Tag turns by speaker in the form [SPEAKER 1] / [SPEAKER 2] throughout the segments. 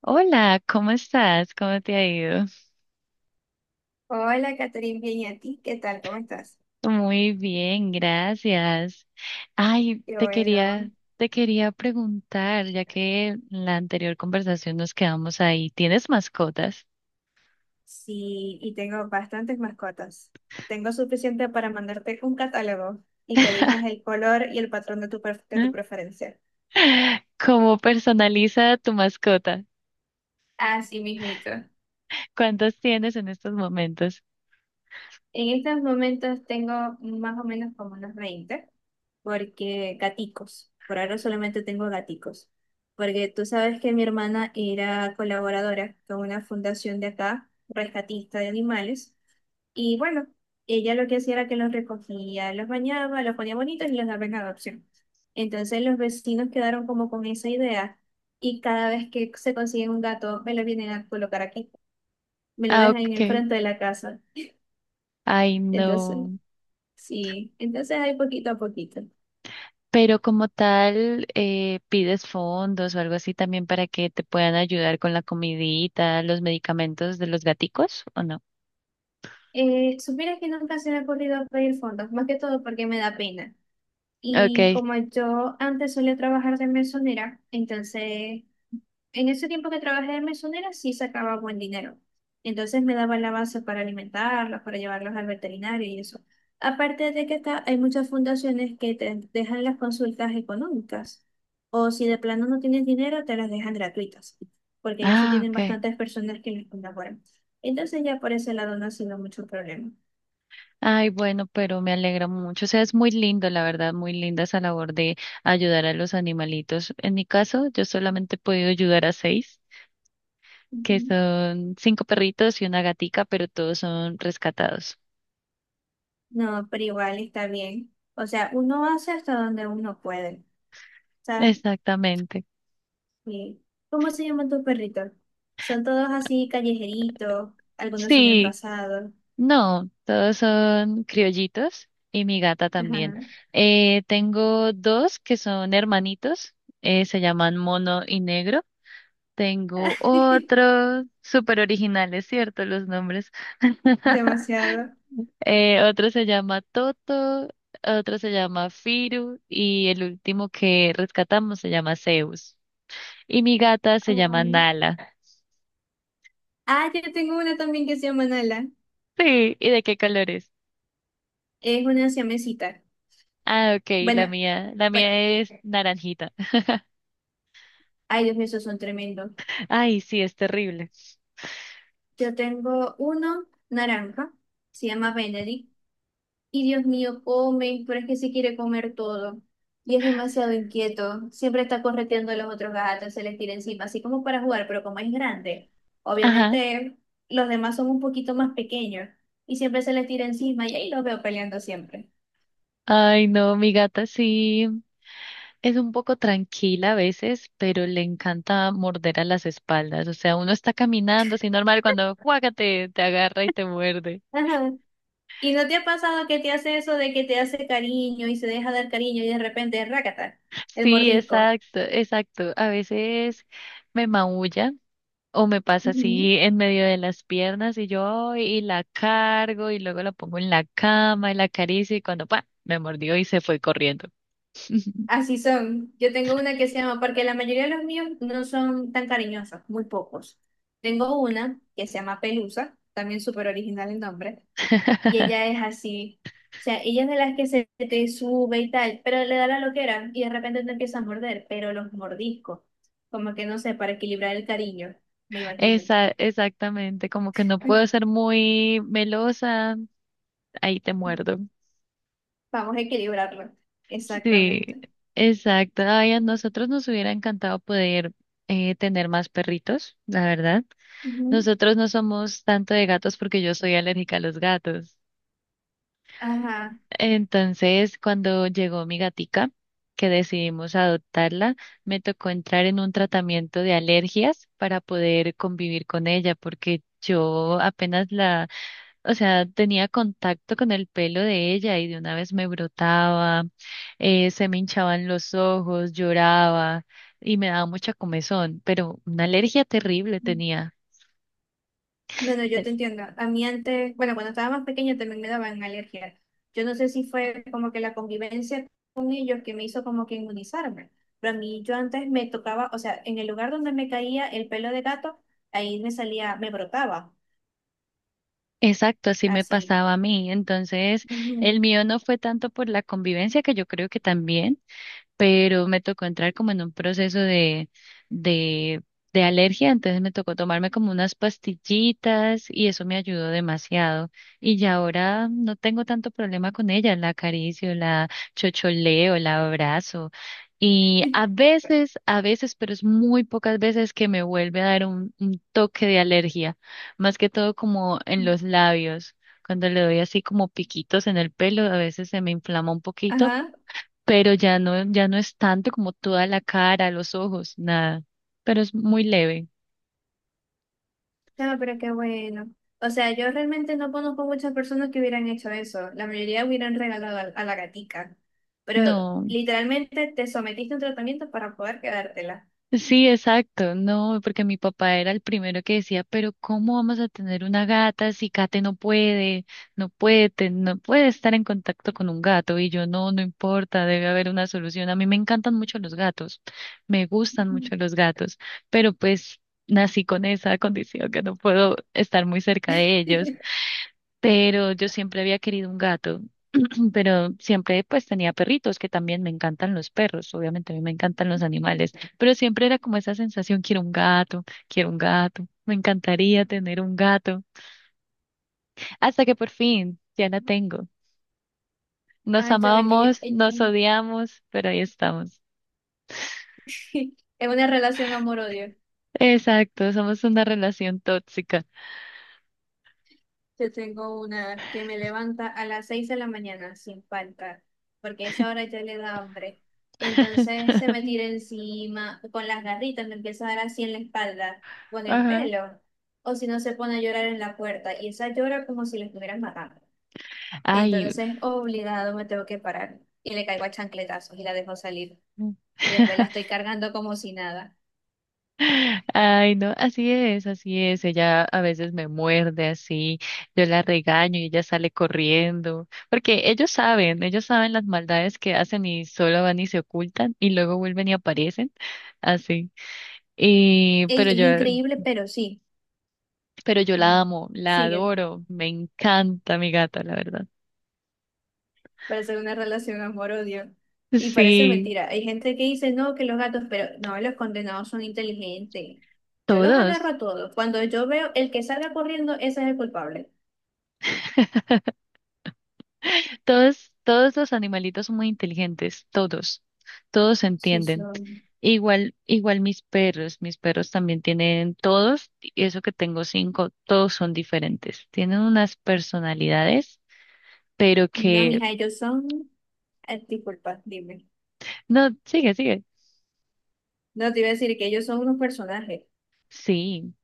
[SPEAKER 1] Hola, ¿cómo estás? ¿Cómo te ha ido?
[SPEAKER 2] Hola, Catherine, bien, ¿y a ti? ¿Qué tal? ¿Cómo estás?
[SPEAKER 1] Muy bien, gracias. Ay,
[SPEAKER 2] Qué
[SPEAKER 1] te
[SPEAKER 2] bueno.
[SPEAKER 1] quería, te quería preguntar, ya que en la anterior conversación nos quedamos ahí. ¿Tienes mascotas?
[SPEAKER 2] Sí, y tengo bastantes mascotas. Tengo suficiente para mandarte un catálogo y que elijas el color y el patrón de de tu preferencia.
[SPEAKER 1] ¿Cómo personaliza tu mascota?
[SPEAKER 2] Así mismito.
[SPEAKER 1] ¿Cuántos tienes en estos momentos?
[SPEAKER 2] En estos momentos tengo más o menos como unos 20, porque gaticos. Por ahora solamente tengo gaticos. Porque tú sabes que mi hermana era colaboradora con una fundación de acá, rescatista de animales. Y bueno, ella lo que hacía era que los recogía, los bañaba, los ponía bonitos y los daba en adopción. Entonces los vecinos quedaron como con esa idea y cada vez que se consiguen un gato me lo vienen a colocar aquí, me lo
[SPEAKER 1] Ah,
[SPEAKER 2] dejan en el
[SPEAKER 1] ok.
[SPEAKER 2] frente de la casa.
[SPEAKER 1] Ay,
[SPEAKER 2] Entonces,
[SPEAKER 1] no.
[SPEAKER 2] sí, entonces hay poquito a poquito.
[SPEAKER 1] Pero como tal, pides fondos o algo así también para que te puedan ayudar con la comidita, los medicamentos de los gaticos, ¿o no?
[SPEAKER 2] Supieras que nunca se me ha ocurrido pedir fondos, más que todo porque me da pena. Y
[SPEAKER 1] Okay.
[SPEAKER 2] como yo antes solía trabajar de mesonera, entonces en ese tiempo que trabajé de mesonera sí sacaba buen dinero. Entonces me daba la base para alimentarlos, para llevarlos al veterinario y eso. Aparte de que está, hay muchas fundaciones que te dejan las consultas económicas. O si de plano no tienes dinero, te las dejan gratuitas. Porque ellos sí
[SPEAKER 1] Ah,
[SPEAKER 2] tienen
[SPEAKER 1] okay.
[SPEAKER 2] bastantes personas que les colaboran. Entonces ya por ese lado no ha sido mucho problema.
[SPEAKER 1] Ay, bueno, pero me alegra mucho. O sea, es muy lindo, la verdad, muy linda esa labor de ayudar a los animalitos. En mi caso, yo solamente he podido ayudar a seis, que
[SPEAKER 2] Ujú.
[SPEAKER 1] son cinco perritos y una gatica, pero todos son rescatados.
[SPEAKER 2] No, pero igual está bien. O sea, uno hace hasta donde uno puede. ¿Sabes?
[SPEAKER 1] Exactamente.
[SPEAKER 2] Sí. ¿Cómo se llaman tus perritos? Son todos así callejeritos, algunos son
[SPEAKER 1] Sí,
[SPEAKER 2] enrasados.
[SPEAKER 1] no, todos son criollitos y mi gata
[SPEAKER 2] Ajá.
[SPEAKER 1] también. Tengo dos que son hermanitos, se llaman Mono y Negro. Tengo otro, súper originales, ¿cierto? Los nombres.
[SPEAKER 2] Demasiado.
[SPEAKER 1] Otro se llama Toto, otro se llama Firu y el último que rescatamos se llama Zeus. Y mi gata se llama
[SPEAKER 2] Ay.
[SPEAKER 1] Nala.
[SPEAKER 2] Ah, yo tengo una también que se llama Nala.
[SPEAKER 1] Sí, ¿y de qué color es?
[SPEAKER 2] Es una siamesita.
[SPEAKER 1] Ah, ok, la
[SPEAKER 2] Bueno,
[SPEAKER 1] mía, la
[SPEAKER 2] bueno,
[SPEAKER 1] mía es naranjita.
[SPEAKER 2] ay Dios mío, esos son tremendos.
[SPEAKER 1] Ay, sí, es terrible.
[SPEAKER 2] Yo tengo uno naranja, se llama Benedict. Y Dios mío, come, pero es que se quiere comer todo. Y es demasiado inquieto. Siempre está correteando a los otros gatos, se les tira encima, así como para jugar, pero como es grande,
[SPEAKER 1] Ajá.
[SPEAKER 2] obviamente los demás son un poquito más pequeños y siempre se les tira encima y ahí los veo peleando siempre.
[SPEAKER 1] Ay, no, mi gata sí. Es un poco tranquila a veces, pero le encanta morder a las espaldas. O sea, uno está caminando así normal cuando cuácate, te agarra y te muerde.
[SPEAKER 2] Ajá. ¿Y no te ha pasado que te hace eso de que te hace cariño y se deja dar cariño y de repente, rácata, el
[SPEAKER 1] Sí,
[SPEAKER 2] mordisco?
[SPEAKER 1] exacto, exacto. A veces me maulla o me pasa
[SPEAKER 2] Ujú.
[SPEAKER 1] así en medio de las piernas y yo ay, y la cargo y luego la pongo en la cama y la acaricio y cuando pa, me mordió y se fue corriendo.
[SPEAKER 2] Así son. Yo tengo una que se llama, porque la mayoría de los míos no son tan cariñosos, muy pocos. Tengo una que se llama Pelusa, también súper original el nombre, y ella es así. O sea, ella es de las que se te sube y tal, pero le da la loquera y de repente te empieza a morder, pero los mordiscos, como que no sé, para equilibrar el cariño, me imagino.
[SPEAKER 1] Esa, exactamente, como que no puedo ser muy melosa, ahí te muerdo.
[SPEAKER 2] Vamos a equilibrarlo.
[SPEAKER 1] Sí,
[SPEAKER 2] Exactamente.
[SPEAKER 1] exacto. Ay, a nosotros nos hubiera encantado poder tener más perritos, la verdad.
[SPEAKER 2] Ujú.
[SPEAKER 1] Nosotros no somos tanto de gatos porque yo soy alérgica a los gatos.
[SPEAKER 2] Ajá.
[SPEAKER 1] Entonces, cuando llegó mi gatica, que decidimos adoptarla, me tocó entrar en un tratamiento de alergias para poder convivir con ella, porque yo apenas la o sea, tenía contacto con el pelo de ella y de una vez me brotaba, se me hinchaban los ojos, lloraba y me daba mucha comezón, pero una alergia terrible tenía.
[SPEAKER 2] No, no, yo
[SPEAKER 1] E-
[SPEAKER 2] te entiendo. A mí antes, bueno, cuando estaba más pequeña también me daban alergia. Yo no sé si fue como que la convivencia con ellos que me hizo como que inmunizarme. Pero a mí yo antes me tocaba, o sea, en el lugar donde me caía el pelo de gato, ahí me salía, me brotaba,
[SPEAKER 1] Exacto, así me
[SPEAKER 2] así.
[SPEAKER 1] pasaba a mí. Entonces, el
[SPEAKER 2] Ujú.
[SPEAKER 1] mío no fue tanto por la convivencia, que yo creo que también, pero me tocó entrar como en un proceso de, de alergia, entonces me tocó tomarme como unas pastillitas y eso me ayudó demasiado. Y ya ahora no tengo tanto problema con ella, la acaricio, la chocholeo, la abrazo. Y a veces, a veces, pero es muy pocas veces que me vuelve a dar un toque de alergia, más que todo como en los labios. Cuando le doy así como piquitos en el pelo, a veces se me inflama un poquito,
[SPEAKER 2] Ajá.
[SPEAKER 1] pero ya no es tanto como toda la cara, los ojos, nada, pero es muy leve.
[SPEAKER 2] No, pero qué bueno. O sea, yo realmente no conozco muchas personas que hubieran hecho eso. La mayoría hubieran regalado a la gatica. Pero
[SPEAKER 1] No,
[SPEAKER 2] literalmente te sometiste a un tratamiento para poder quedártela.
[SPEAKER 1] sí, exacto, no, porque mi papá era el primero que decía, pero ¿cómo vamos a tener una gata si Kate no puede estar en contacto con un gato? Y yo, no, no importa, debe haber una solución. A mí me encantan mucho los gatos, me gustan mucho los gatos, pero pues nací con esa condición que no puedo estar muy cerca de ellos, pero yo siempre había querido un gato, pero siempre pues tenía perritos, que también me encantan los perros, obviamente a mí me encantan los animales, pero siempre era como esa sensación, quiero un gato, me encantaría tener un gato, hasta que por fin ya la tengo. Nos
[SPEAKER 2] Ay, sabes que yo,
[SPEAKER 1] amamos, nos odiamos, pero ahí estamos.
[SPEAKER 2] es una relación amor-odio.
[SPEAKER 1] Exacto, somos una relación tóxica.
[SPEAKER 2] Yo tengo una que me levanta a las 6 de la mañana sin falta, porque a esa hora ya le da hambre. Entonces se me tira encima, con las garritas me empieza a dar así en la espalda, con el
[SPEAKER 1] Ajá.
[SPEAKER 2] pelo. O si no, se pone a llorar en la puerta y esa llora como si la estuvieran matando.
[SPEAKER 1] Ay.
[SPEAKER 2] Entonces, obligado, me tengo que parar y le caigo a chancletazos y la dejo salir. Y después la estoy cargando como si nada.
[SPEAKER 1] Ay, no, así es, así es. Ella a veces me muerde así, yo la regaño y ella sale corriendo, porque ellos saben las maldades que hacen y solo van y se ocultan y luego vuelven y aparecen, así. Y,
[SPEAKER 2] Ey,
[SPEAKER 1] pero
[SPEAKER 2] es
[SPEAKER 1] yo,
[SPEAKER 2] increíble, pero sí.
[SPEAKER 1] pero yo la
[SPEAKER 2] Ajá.
[SPEAKER 1] amo, la
[SPEAKER 2] Siguen.
[SPEAKER 1] adoro, me encanta mi gata, la verdad.
[SPEAKER 2] Parece una relación amor-odio. Y parece
[SPEAKER 1] Sí,
[SPEAKER 2] mentira. Hay gente que dice, no, que los gatos, pero no, los condenados son inteligentes. Yo los agarro
[SPEAKER 1] todos.
[SPEAKER 2] a todos. Cuando yo veo el que salga corriendo, ese es el culpable.
[SPEAKER 1] Todos, todos los animalitos son muy inteligentes, todos, todos se
[SPEAKER 2] Sí,
[SPEAKER 1] entienden.
[SPEAKER 2] son.
[SPEAKER 1] Igual, mis perros también tienen todos, y eso que tengo cinco, todos son diferentes. Tienen unas personalidades, pero
[SPEAKER 2] No,
[SPEAKER 1] que,
[SPEAKER 2] mija, ellos son. Disculpa, dime.
[SPEAKER 1] no, sigue, sigue.
[SPEAKER 2] No te iba a decir que ellos son unos personajes.
[SPEAKER 1] Sí,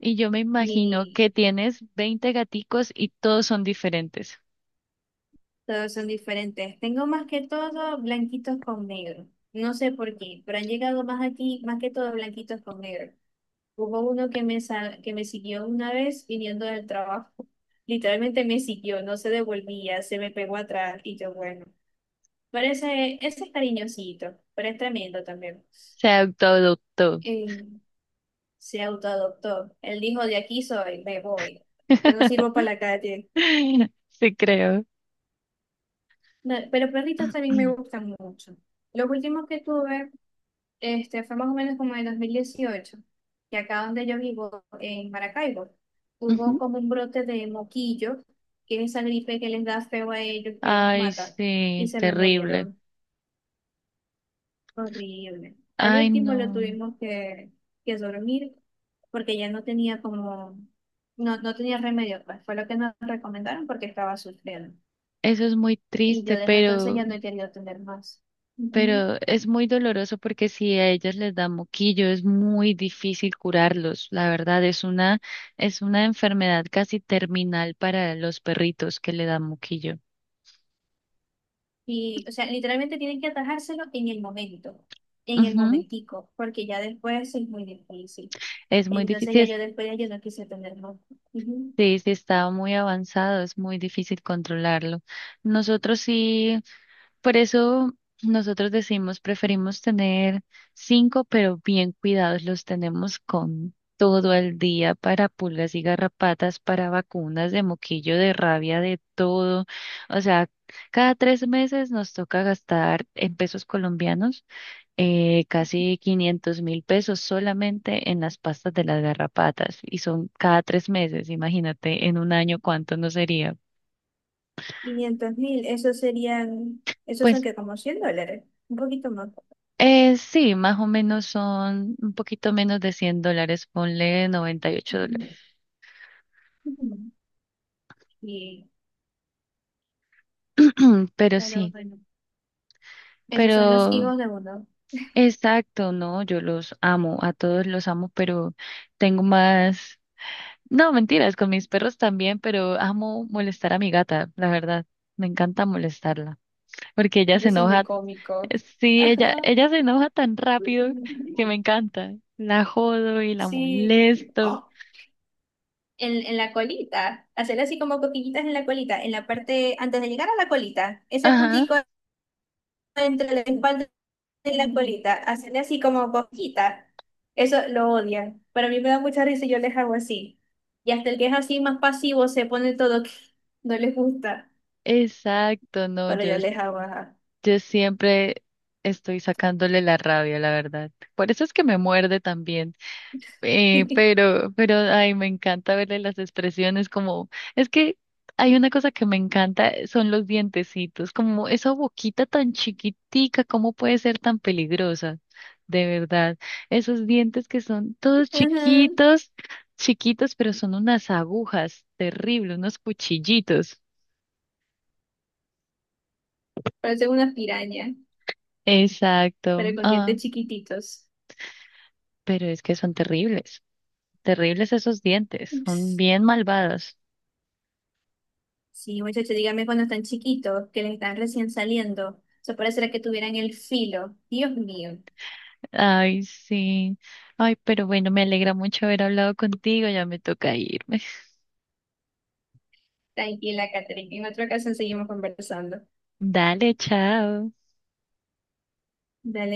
[SPEAKER 1] y yo me imagino
[SPEAKER 2] Ni
[SPEAKER 1] que tienes 20 gaticos y todos son diferentes.
[SPEAKER 2] todos son diferentes. Tengo más que todo blanquitos con negro. No sé por qué, pero han llegado más aquí, más que todo blanquitos con negro. Hubo uno que me, que me siguió una vez viniendo del trabajo. Literalmente me siguió, no se devolvía, se me pegó atrás y yo, bueno. Pero ese es cariñosito, pero es tremendo también.
[SPEAKER 1] Se adoptó, adoptó.
[SPEAKER 2] Eh, Se autoadoptó. Él dijo, de aquí soy, me voy. Yo no sirvo para la calle.
[SPEAKER 1] Sí, creo.
[SPEAKER 2] No, pero perritos también me gustan mucho. Los últimos que tuve fue más o menos como en el 2018 que acá donde yo vivo, en Maracaibo, hubo
[SPEAKER 1] Ujú.
[SPEAKER 2] como un brote de moquillo, que es esa gripe que les da feo a ellos, que los
[SPEAKER 1] Ay,
[SPEAKER 2] mata, y
[SPEAKER 1] sí,
[SPEAKER 2] se me
[SPEAKER 1] terrible.
[SPEAKER 2] murieron horrible. Al
[SPEAKER 1] Ay,
[SPEAKER 2] último lo
[SPEAKER 1] no.
[SPEAKER 2] tuvimos que dormir, porque ya no tenía como, no, no tenía remedio, pues fue lo que nos recomendaron porque estaba sufriendo.
[SPEAKER 1] Eso es muy
[SPEAKER 2] Y yo
[SPEAKER 1] triste,
[SPEAKER 2] desde entonces
[SPEAKER 1] pero,
[SPEAKER 2] ya no he querido tener más.
[SPEAKER 1] pero es muy doloroso porque si a ellas les da moquillo es muy difícil curarlos. La verdad es una enfermedad casi terminal para los perritos que le dan moquillo.
[SPEAKER 2] Y, o sea, literalmente tienen que atajárselo en el momento, en el
[SPEAKER 1] Ujú.
[SPEAKER 2] momentico, porque ya después es muy difícil.
[SPEAKER 1] Es muy
[SPEAKER 2] Entonces ya
[SPEAKER 1] difícil,
[SPEAKER 2] yo después ya yo no quise tenerlo. Ujú.
[SPEAKER 1] sí, sí está muy avanzado, es muy difícil controlarlo. Nosotros sí. Por eso nosotros decimos, preferimos tener cinco, pero bien cuidados, los tenemos con todo el día para pulgas y garrapatas, para vacunas de moquillo, de rabia, de todo. O sea, cada 3 meses nos toca gastar en pesos colombianos casi 500.000 pesos solamente en las pastas de las garrapatas y son cada 3 meses. Imagínate en un año cuánto no sería.
[SPEAKER 2] 500.000, esos serían, esos son
[SPEAKER 1] Pues.
[SPEAKER 2] que como $100, un poquito más.
[SPEAKER 1] Sí, más o menos son un poquito menos de 100 dólares, ponle 98
[SPEAKER 2] Ujú.
[SPEAKER 1] dólares.
[SPEAKER 2] Ujú. Y,
[SPEAKER 1] Pero
[SPEAKER 2] pero
[SPEAKER 1] sí,
[SPEAKER 2] bueno, esos son los
[SPEAKER 1] pero
[SPEAKER 2] hijos de uno.
[SPEAKER 1] exacto, no, yo los amo, a todos los amo, pero tengo más, no, mentiras, con mis perros también, pero amo molestar a mi gata, la verdad, me encanta molestarla, porque ella se
[SPEAKER 2] Ellos son muy
[SPEAKER 1] enoja,
[SPEAKER 2] cómicos.
[SPEAKER 1] sí, ella,
[SPEAKER 2] Ajá.
[SPEAKER 1] ella se enoja tan rápido que me encanta, la jodo y la
[SPEAKER 2] Sí.
[SPEAKER 1] molesto.
[SPEAKER 2] En la colita, hacerle así como cosquillitas en la colita, en la parte, antes de llegar a la colita, ese
[SPEAKER 1] Ajá,
[SPEAKER 2] puntico entre la espalda y la colita, hacerle así como cosquita, eso lo odian, pero a mí me da mucha risa y yo les hago así. Y hasta el que es así más pasivo se pone todo que no les gusta,
[SPEAKER 1] exacto, no,
[SPEAKER 2] pero
[SPEAKER 1] yo
[SPEAKER 2] yo les hago ajá.
[SPEAKER 1] Yo siempre estoy sacándole la rabia, la verdad. Por eso es que me muerde también. Pero, ay, me encanta verle las expresiones como, es que hay una cosa que me encanta, son los dientecitos, como esa boquita tan chiquitica, ¿cómo puede ser tan peligrosa? De verdad, esos dientes que son todos
[SPEAKER 2] Ajá,
[SPEAKER 1] chiquitos, chiquitos, pero son unas agujas terribles, unos cuchillitos.
[SPEAKER 2] parecen unas pirañas,
[SPEAKER 1] Exacto.
[SPEAKER 2] pero con
[SPEAKER 1] Ah,
[SPEAKER 2] dientes chiquititos.
[SPEAKER 1] pero es que son terribles. Terribles esos dientes, son
[SPEAKER 2] Ups.
[SPEAKER 1] bien malvados.
[SPEAKER 2] Sí, muchachos, dígame cuando están chiquitos, que les están recién saliendo. Eso parecerá que tuvieran el filo. Dios mío.
[SPEAKER 1] Ay, sí. Ay, pero bueno, me alegra mucho haber hablado contigo, ya me toca irme.
[SPEAKER 2] Tranquila, Catherine. En otra ocasión seguimos conversando.
[SPEAKER 1] Dale, chao.
[SPEAKER 2] Dale.